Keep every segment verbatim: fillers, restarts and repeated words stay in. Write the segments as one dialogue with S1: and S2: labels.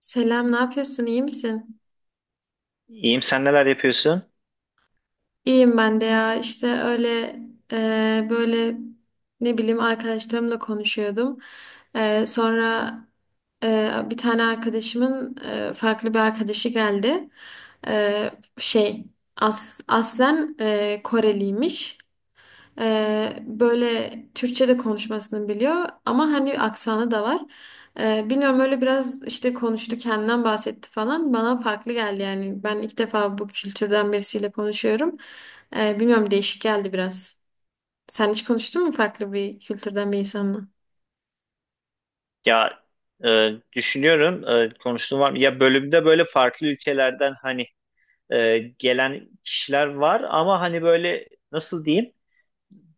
S1: Selam, ne yapıyorsun? İyi misin?
S2: İyiyim, sen neler yapıyorsun?
S1: İyiyim ben de ya. İşte öyle e, böyle ne bileyim arkadaşlarımla konuşuyordum. E, sonra e, bir tane arkadaşımın e, farklı bir arkadaşı geldi. E, şey As- aslen e, Koreliymiş. Ee, böyle Türkçe de konuşmasını biliyor ama hani aksanı da var. Ee, bilmiyorum öyle biraz işte konuştu kendinden bahsetti falan bana farklı geldi yani ben ilk defa bu kültürden birisiyle konuşuyorum. Ee, bilmiyorum değişik geldi biraz. Sen hiç konuştun mu farklı bir kültürden bir insanla?
S2: Ya e, düşünüyorum, e, konuştuğum var mı? Ya bölümde böyle farklı ülkelerden hani e, gelen kişiler var ama hani böyle nasıl diyeyim?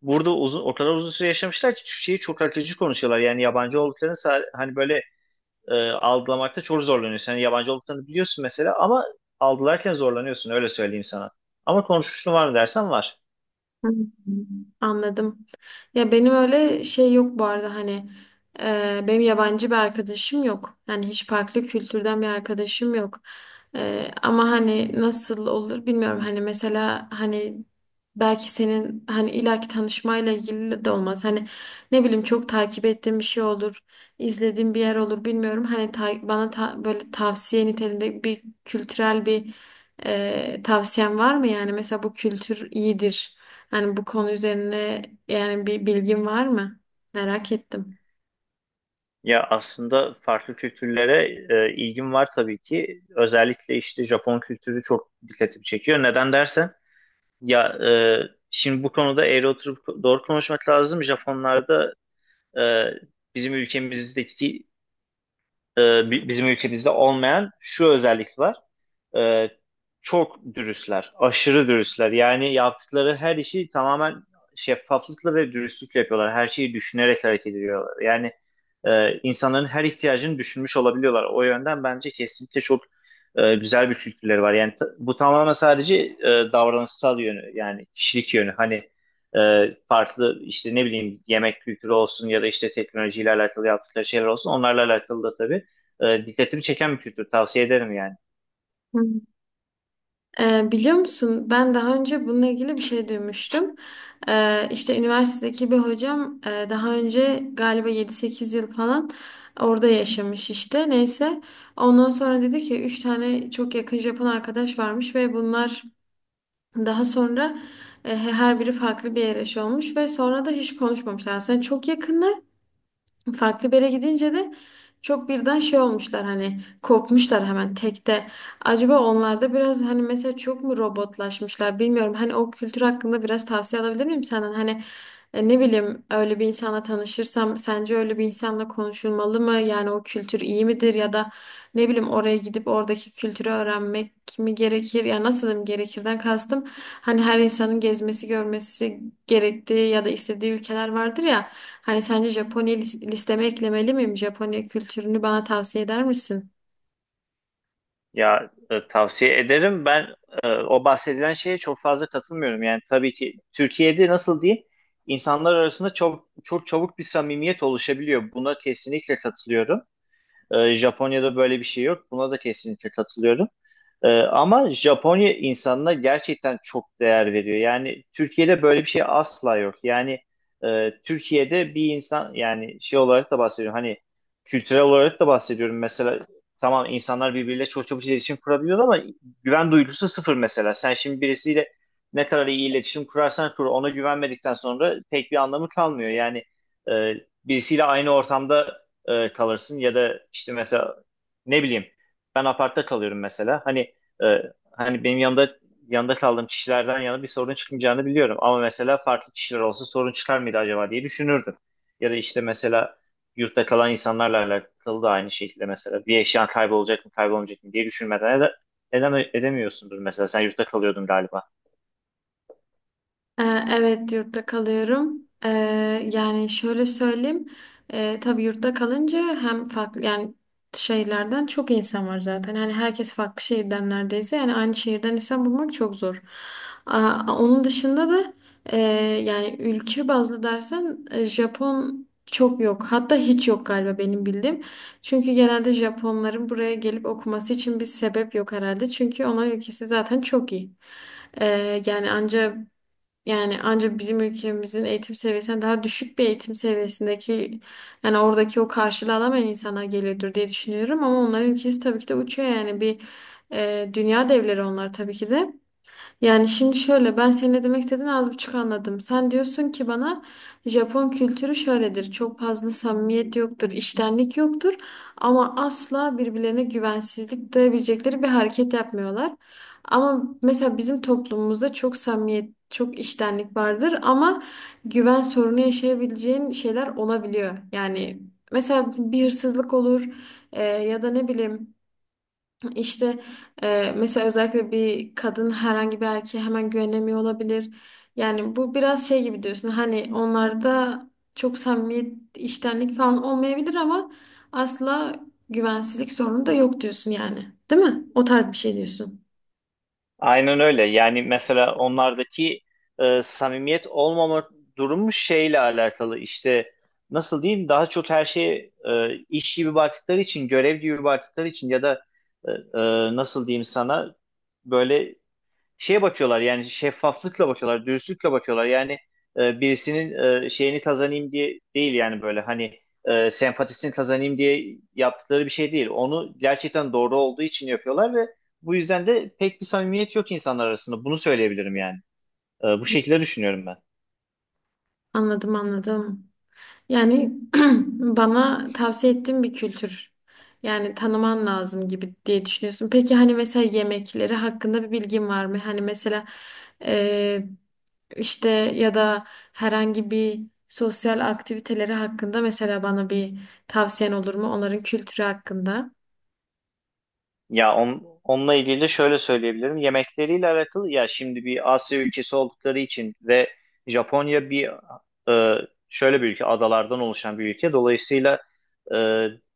S2: Burada uzun, o kadar uzun süre yaşamışlar ki şeyi çok akıcı konuşuyorlar. Yani yabancı olduklarını sa- hani böyle e, algılamakta çok zorlanıyorsun. Yani yabancı olduklarını biliyorsun mesela, ama algılarken zorlanıyorsun, öyle söyleyeyim sana. Ama konuşmuşluğum var mı dersen, var.
S1: Hı, anladım. Ya benim öyle şey yok bu arada hani e, benim yabancı bir arkadaşım yok. Yani hiç farklı kültürden bir arkadaşım yok. E, ama hani nasıl olur bilmiyorum. Hani mesela hani belki senin hani illaki tanışmayla ilgili de olmaz. Hani ne bileyim çok takip ettiğim bir şey olur. izlediğim bir yer olur bilmiyorum. Hani ta- bana ta- böyle tavsiye niteliğinde bir kültürel bir e, tavsiyen var mı? Yani mesela bu kültür iyidir. Yani bu konu üzerine yani bir bilgin var mı? Merak ettim.
S2: Ya aslında farklı kültürlere e, ilgim var tabii ki. Özellikle işte Japon kültürü çok dikkatimi çekiyor. Neden dersen, ya e, şimdi bu konuda eğri oturup doğru konuşmak lazım. Japonlarda e, bizim ülkemizdeki e, bi- bizim ülkemizde olmayan şu özellik var. E, Çok dürüstler, aşırı dürüstler. Yani yaptıkları her işi tamamen şeffaflıkla ve dürüstlükle yapıyorlar. Her şeyi düşünerek hareket ediyorlar. Yani e, insanların her ihtiyacını düşünmüş olabiliyorlar. O yönden bence kesinlikle çok e, güzel bir kültürleri var. Yani ta- bu tamamen sadece e, davranışsal yönü, yani kişilik yönü. Hani e, farklı işte, ne bileyim, yemek kültürü olsun ya da işte teknolojiyle alakalı yaptıkları şeyler olsun. Onlarla alakalı da tabii e, dikkatimi çeken bir kültür. Tavsiye ederim yani.
S1: Hı. Ee, biliyor musun ben daha önce bununla ilgili bir şey duymuştum. Ee, işte üniversitedeki bir hocam e, daha önce galiba yedi sekiz yıl falan orada yaşamış işte. Neyse ondan sonra dedi ki üç tane çok yakın Japon arkadaş varmış ve bunlar daha sonra e, her biri farklı bir yere şey olmuş ve sonra da hiç konuşmamışlar. Aslında çok yakınlar. Farklı bir yere gidince de çok birden şey olmuşlar hani kopmuşlar hemen tekte. Acaba onlarda biraz hani mesela çok mu robotlaşmışlar bilmiyorum. Hani o kültür hakkında biraz tavsiye alabilir miyim senden? Hani e, ne bileyim öyle bir insanla tanışırsam sence öyle bir insanla konuşulmalı mı? Yani o kültür iyi midir ya da ne bileyim oraya gidip oradaki kültürü öğrenmek mi gerekir? Ya nasıl diyeyim gerekirden kastım hani her insanın gezmesi, görmesi gerektiği ya da istediği ülkeler vardır ya. Hani sence Japonya lis- listeme eklemeli miyim? Japonya kültürünü bana tavsiye eder misin?
S2: Ya e, tavsiye ederim. Ben e, o bahsedilen şeye çok fazla katılmıyorum. Yani tabii ki Türkiye'de nasıl diyeyim? İnsanlar arasında çok çok çabuk bir samimiyet oluşabiliyor. Buna kesinlikle katılıyorum. Ee, Japonya'da böyle bir şey yok. Buna da kesinlikle katılıyorum. Ee, ama Japonya insanına gerçekten çok değer veriyor. Yani Türkiye'de böyle bir şey asla yok. Yani e, Türkiye'de bir insan, yani şey olarak da bahsediyorum, hani kültürel olarak da bahsediyorum. Mesela tamam, insanlar birbiriyle çok çabuk iletişim kurabiliyor ama güven duygusu sıfır mesela. Sen şimdi birisiyle ne kadar iyi iletişim kurarsan kur, ona güvenmedikten sonra pek bir anlamı kalmıyor. Yani e, birisiyle aynı ortamda e, kalırsın ya da işte mesela, ne bileyim, ben apartta kalıyorum mesela. Hani e, hani benim yanında yanında kaldığım kişilerden yana bir sorun çıkmayacağını biliyorum. Ama mesela farklı kişiler olsa sorun çıkar mıydı acaba diye düşünürdüm. Ya da işte mesela yurtta kalan insanlarla alakalı da aynı şekilde, mesela bir eşyan kaybolacak mı kaybolmayacak mı diye düşünmeden ede- edeme- edemiyorsundur mesela, sen yurtta kalıyordun galiba.
S1: Ee, Evet, yurtta kalıyorum. Ee, yani şöyle söyleyeyim. Ee, tabii yurtta kalınca hem farklı yani şehirlerden çok insan var zaten. Hani herkes farklı şehirden neredeyse. Yani aynı şehirden insan bulmak çok zor. Aa, onun dışında da e, yani ülke bazlı dersen e, Japon çok yok. Hatta hiç yok galiba benim bildiğim. Çünkü genelde Japonların buraya gelip okuması için bir sebep yok herhalde. Çünkü onların ülkesi zaten çok iyi. Ee, yani anca yani ancak bizim ülkemizin eğitim seviyesinden daha düşük bir eğitim seviyesindeki yani oradaki o karşılığı alamayan insanlar geliyordur diye düşünüyorum ama onların ülkesi tabii ki de uçuyor yani bir e, dünya devleri onlar tabii ki de. Yani şimdi şöyle ben senin ne demek istediğini az buçuk anladım. Sen diyorsun ki bana Japon kültürü şöyledir. Çok fazla samimiyet yoktur, içtenlik yoktur ama asla birbirlerine güvensizlik duyabilecekleri bir hareket yapmıyorlar. Ama mesela bizim toplumumuzda çok samimiyet, çok içtenlik vardır ama güven sorunu yaşayabileceğin şeyler olabiliyor. Yani mesela bir hırsızlık olur e, ya da ne bileyim işte e, mesela özellikle bir kadın herhangi bir erkeğe hemen güvenemiyor olabilir. Yani bu biraz şey gibi diyorsun. Hani onlarda çok samimiyet, iştenlik falan olmayabilir ama asla güvensizlik sorunu da yok diyorsun yani. Değil mi? O tarz bir şey diyorsun.
S2: Aynen öyle. Yani mesela onlardaki e, samimiyet olmama durumu şeyle alakalı. İşte nasıl diyeyim? Daha çok her şeye e, iş gibi baktıkları için, görev gibi baktıkları için ya da e, e, nasıl diyeyim sana, böyle şeye bakıyorlar, yani şeffaflıkla bakıyorlar, dürüstlükle bakıyorlar. Yani e, birisinin e, şeyini kazanayım diye değil, yani böyle hani e, sempatisini kazanayım diye yaptıkları bir şey değil. Onu gerçekten doğru olduğu için yapıyorlar ve bu yüzden de pek bir samimiyet yok insanlar arasında. Bunu söyleyebilirim yani. E, bu şekilde düşünüyorum ben.
S1: Anladım, anladım. Yani bana tavsiye ettiğin bir kültür. Yani tanıman lazım gibi diye düşünüyorsun. Peki hani mesela yemekleri hakkında bir bilgin var mı? Hani mesela eee, işte ya da herhangi bir sosyal aktiviteleri hakkında mesela bana bir tavsiyen olur mu? Onların kültürü hakkında.
S2: Ya on, onunla ilgili de şöyle söyleyebilirim. Yemekleriyle alakalı, ya şimdi bir Asya ülkesi oldukları için ve Japonya bir e, şöyle bir ülke, adalardan oluşan bir ülke. Dolayısıyla e,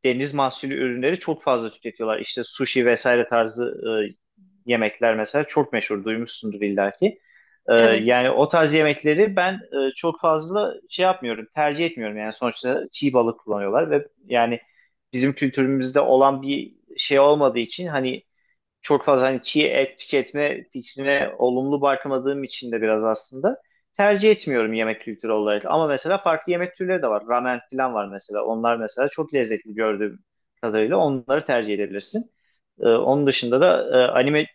S2: deniz mahsulü ürünleri çok fazla tüketiyorlar. İşte sushi vesaire tarzı e, yemekler mesela çok meşhur, duymuşsundur illaki. Ee,
S1: Evet.
S2: yani o tarz yemekleri ben e, çok fazla şey yapmıyorum, tercih etmiyorum. Yani sonuçta çiğ balık kullanıyorlar ve yani bizim kültürümüzde olan bir şey olmadığı için, hani çok fazla hani çiğ et tüketme fikrine olumlu bakmadığım için de biraz aslında tercih etmiyorum yemek kültürü olarak. Ama mesela farklı yemek türleri de var. Ramen falan var mesela. Onlar mesela çok lezzetli, gördüğüm kadarıyla onları tercih edebilirsin. Ee, onun dışında da e, anime e,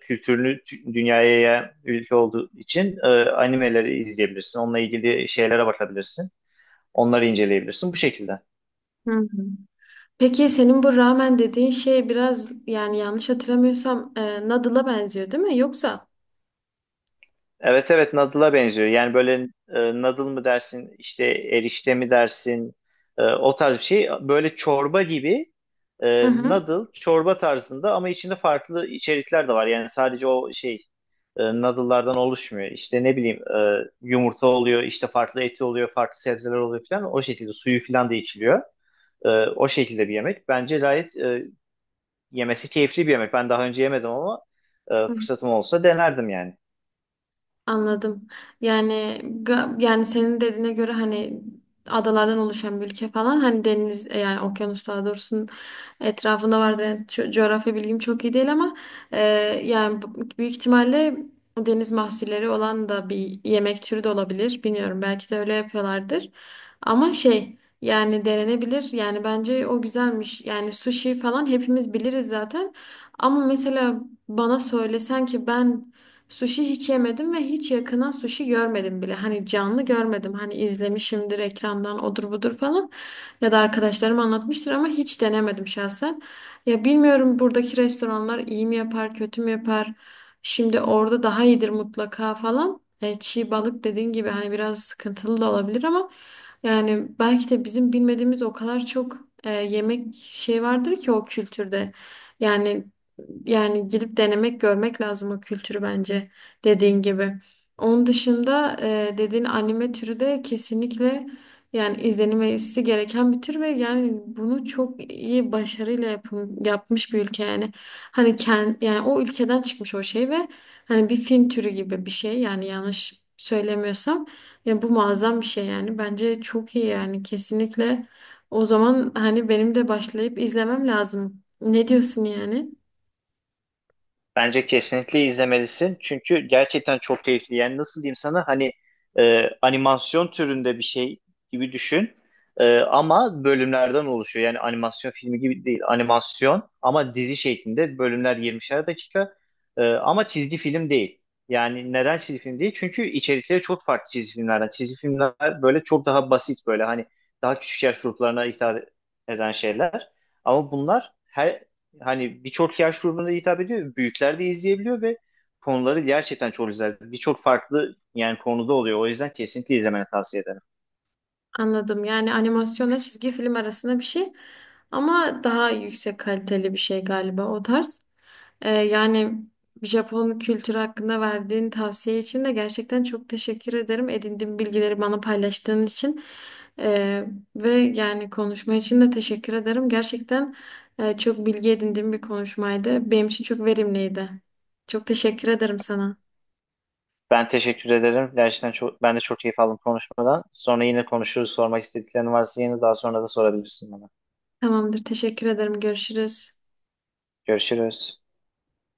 S2: kültürünü tü- dünyaya yayan ülke olduğu için e, animeleri izleyebilirsin. Onunla ilgili şeylere bakabilirsin. Onları inceleyebilirsin bu şekilde.
S1: Hı hı. Peki senin bu ramen dediğin şey biraz yani yanlış hatırlamıyorsam e, noodle'a benziyor değil mi? Yoksa?
S2: Evet, evet, noodle'a benziyor. Yani böyle e, noodle mı dersin, işte erişte mi dersin, e, o tarz bir şey. Böyle çorba gibi, e,
S1: Hı hı.
S2: noodle çorba tarzında ama içinde farklı içerikler de var. Yani sadece o şey e, noodle'lardan oluşmuyor. İşte, ne bileyim, e, yumurta oluyor, işte farklı eti oluyor, farklı sebzeler oluyor falan. O şekilde suyu falan da içiliyor. E, O şekilde bir yemek. Bence gayet e, yemesi keyifli bir yemek. Ben daha önce yemedim ama e, fırsatım olsa denerdim yani.
S1: Anladım. Yani ga- yani senin dediğine göre hani adalardan oluşan bir ülke falan hani deniz e, yani okyanus daha doğrusu etrafında var da co- coğrafya bilgim çok iyi değil ama e, yani bu- büyük ihtimalle deniz mahsulleri olan da bir yemek türü de olabilir. Bilmiyorum belki de öyle yapıyorlardır. Ama şey yani denenebilir. Yani bence o güzelmiş. Yani sushi falan hepimiz biliriz zaten. Ama mesela bana söylesen ki ben sushi hiç yemedim ve hiç yakından sushi görmedim bile. Hani canlı görmedim. Hani izlemişimdir ekrandan odur budur falan. Ya da arkadaşlarım anlatmıştır ama hiç denemedim şahsen. Ya bilmiyorum buradaki restoranlar iyi mi yapar, kötü mü yapar? Şimdi orada daha iyidir mutlaka falan. E, çiğ balık dediğin gibi hani biraz sıkıntılı da olabilir ama yani belki de bizim bilmediğimiz o kadar çok e, yemek şey vardır ki o kültürde. Yani yani gidip denemek, görmek lazım o kültürü bence dediğin gibi. Onun dışında e, dediğin anime türü de kesinlikle yani izlenmesi gereken bir tür ve yani bunu çok iyi başarıyla yapın, yapmış bir ülke yani. Hani ken, yani o ülkeden çıkmış o şey ve hani bir film türü gibi bir şey yani yanlış söylemiyorsam ya bu muazzam bir şey yani. Bence çok iyi yani kesinlikle. O zaman hani benim de başlayıp izlemem lazım. Ne diyorsun yani?
S2: Bence kesinlikle izlemelisin. Çünkü gerçekten çok keyifli. Yani nasıl diyeyim sana, hani e, animasyon türünde bir şey gibi düşün. E, ama bölümlerden oluşuyor. Yani animasyon filmi gibi değil. Animasyon ama dizi şeklinde, bölümler yirmişer dakika. E, ama çizgi film değil. Yani neden çizgi film değil? Çünkü içerikleri çok farklı çizgi filmlerden. Çizgi filmler böyle çok daha basit, böyle hani daha küçük yaş gruplarına hitap eden şeyler. Ama bunlar her hani birçok yaş grubuna hitap ediyor. Büyükler de izleyebiliyor ve konuları gerçekten çok güzel. Birçok farklı yani konuda oluyor. O yüzden kesinlikle izlemeni tavsiye ederim.
S1: Anladım. Yani animasyonla çizgi film arasında bir şey ama daha yüksek kaliteli bir şey galiba o tarz. Ee, yani Japon kültürü hakkında verdiğin tavsiye için de gerçekten çok teşekkür ederim. Edindiğim bilgileri bana paylaştığın için Ee, ve yani konuşma için de teşekkür ederim. Gerçekten e, çok bilgi edindiğim bir konuşmaydı. Benim için çok verimliydi. Çok teşekkür ederim sana.
S2: Ben teşekkür ederim. Gerçekten çok, ben de çok keyif aldım konuşmadan. Sonra yine konuşuruz. Sormak istediklerin varsa yine daha sonra da sorabilirsin bana.
S1: Tamamdır. Teşekkür ederim. Görüşürüz.
S2: Görüşürüz.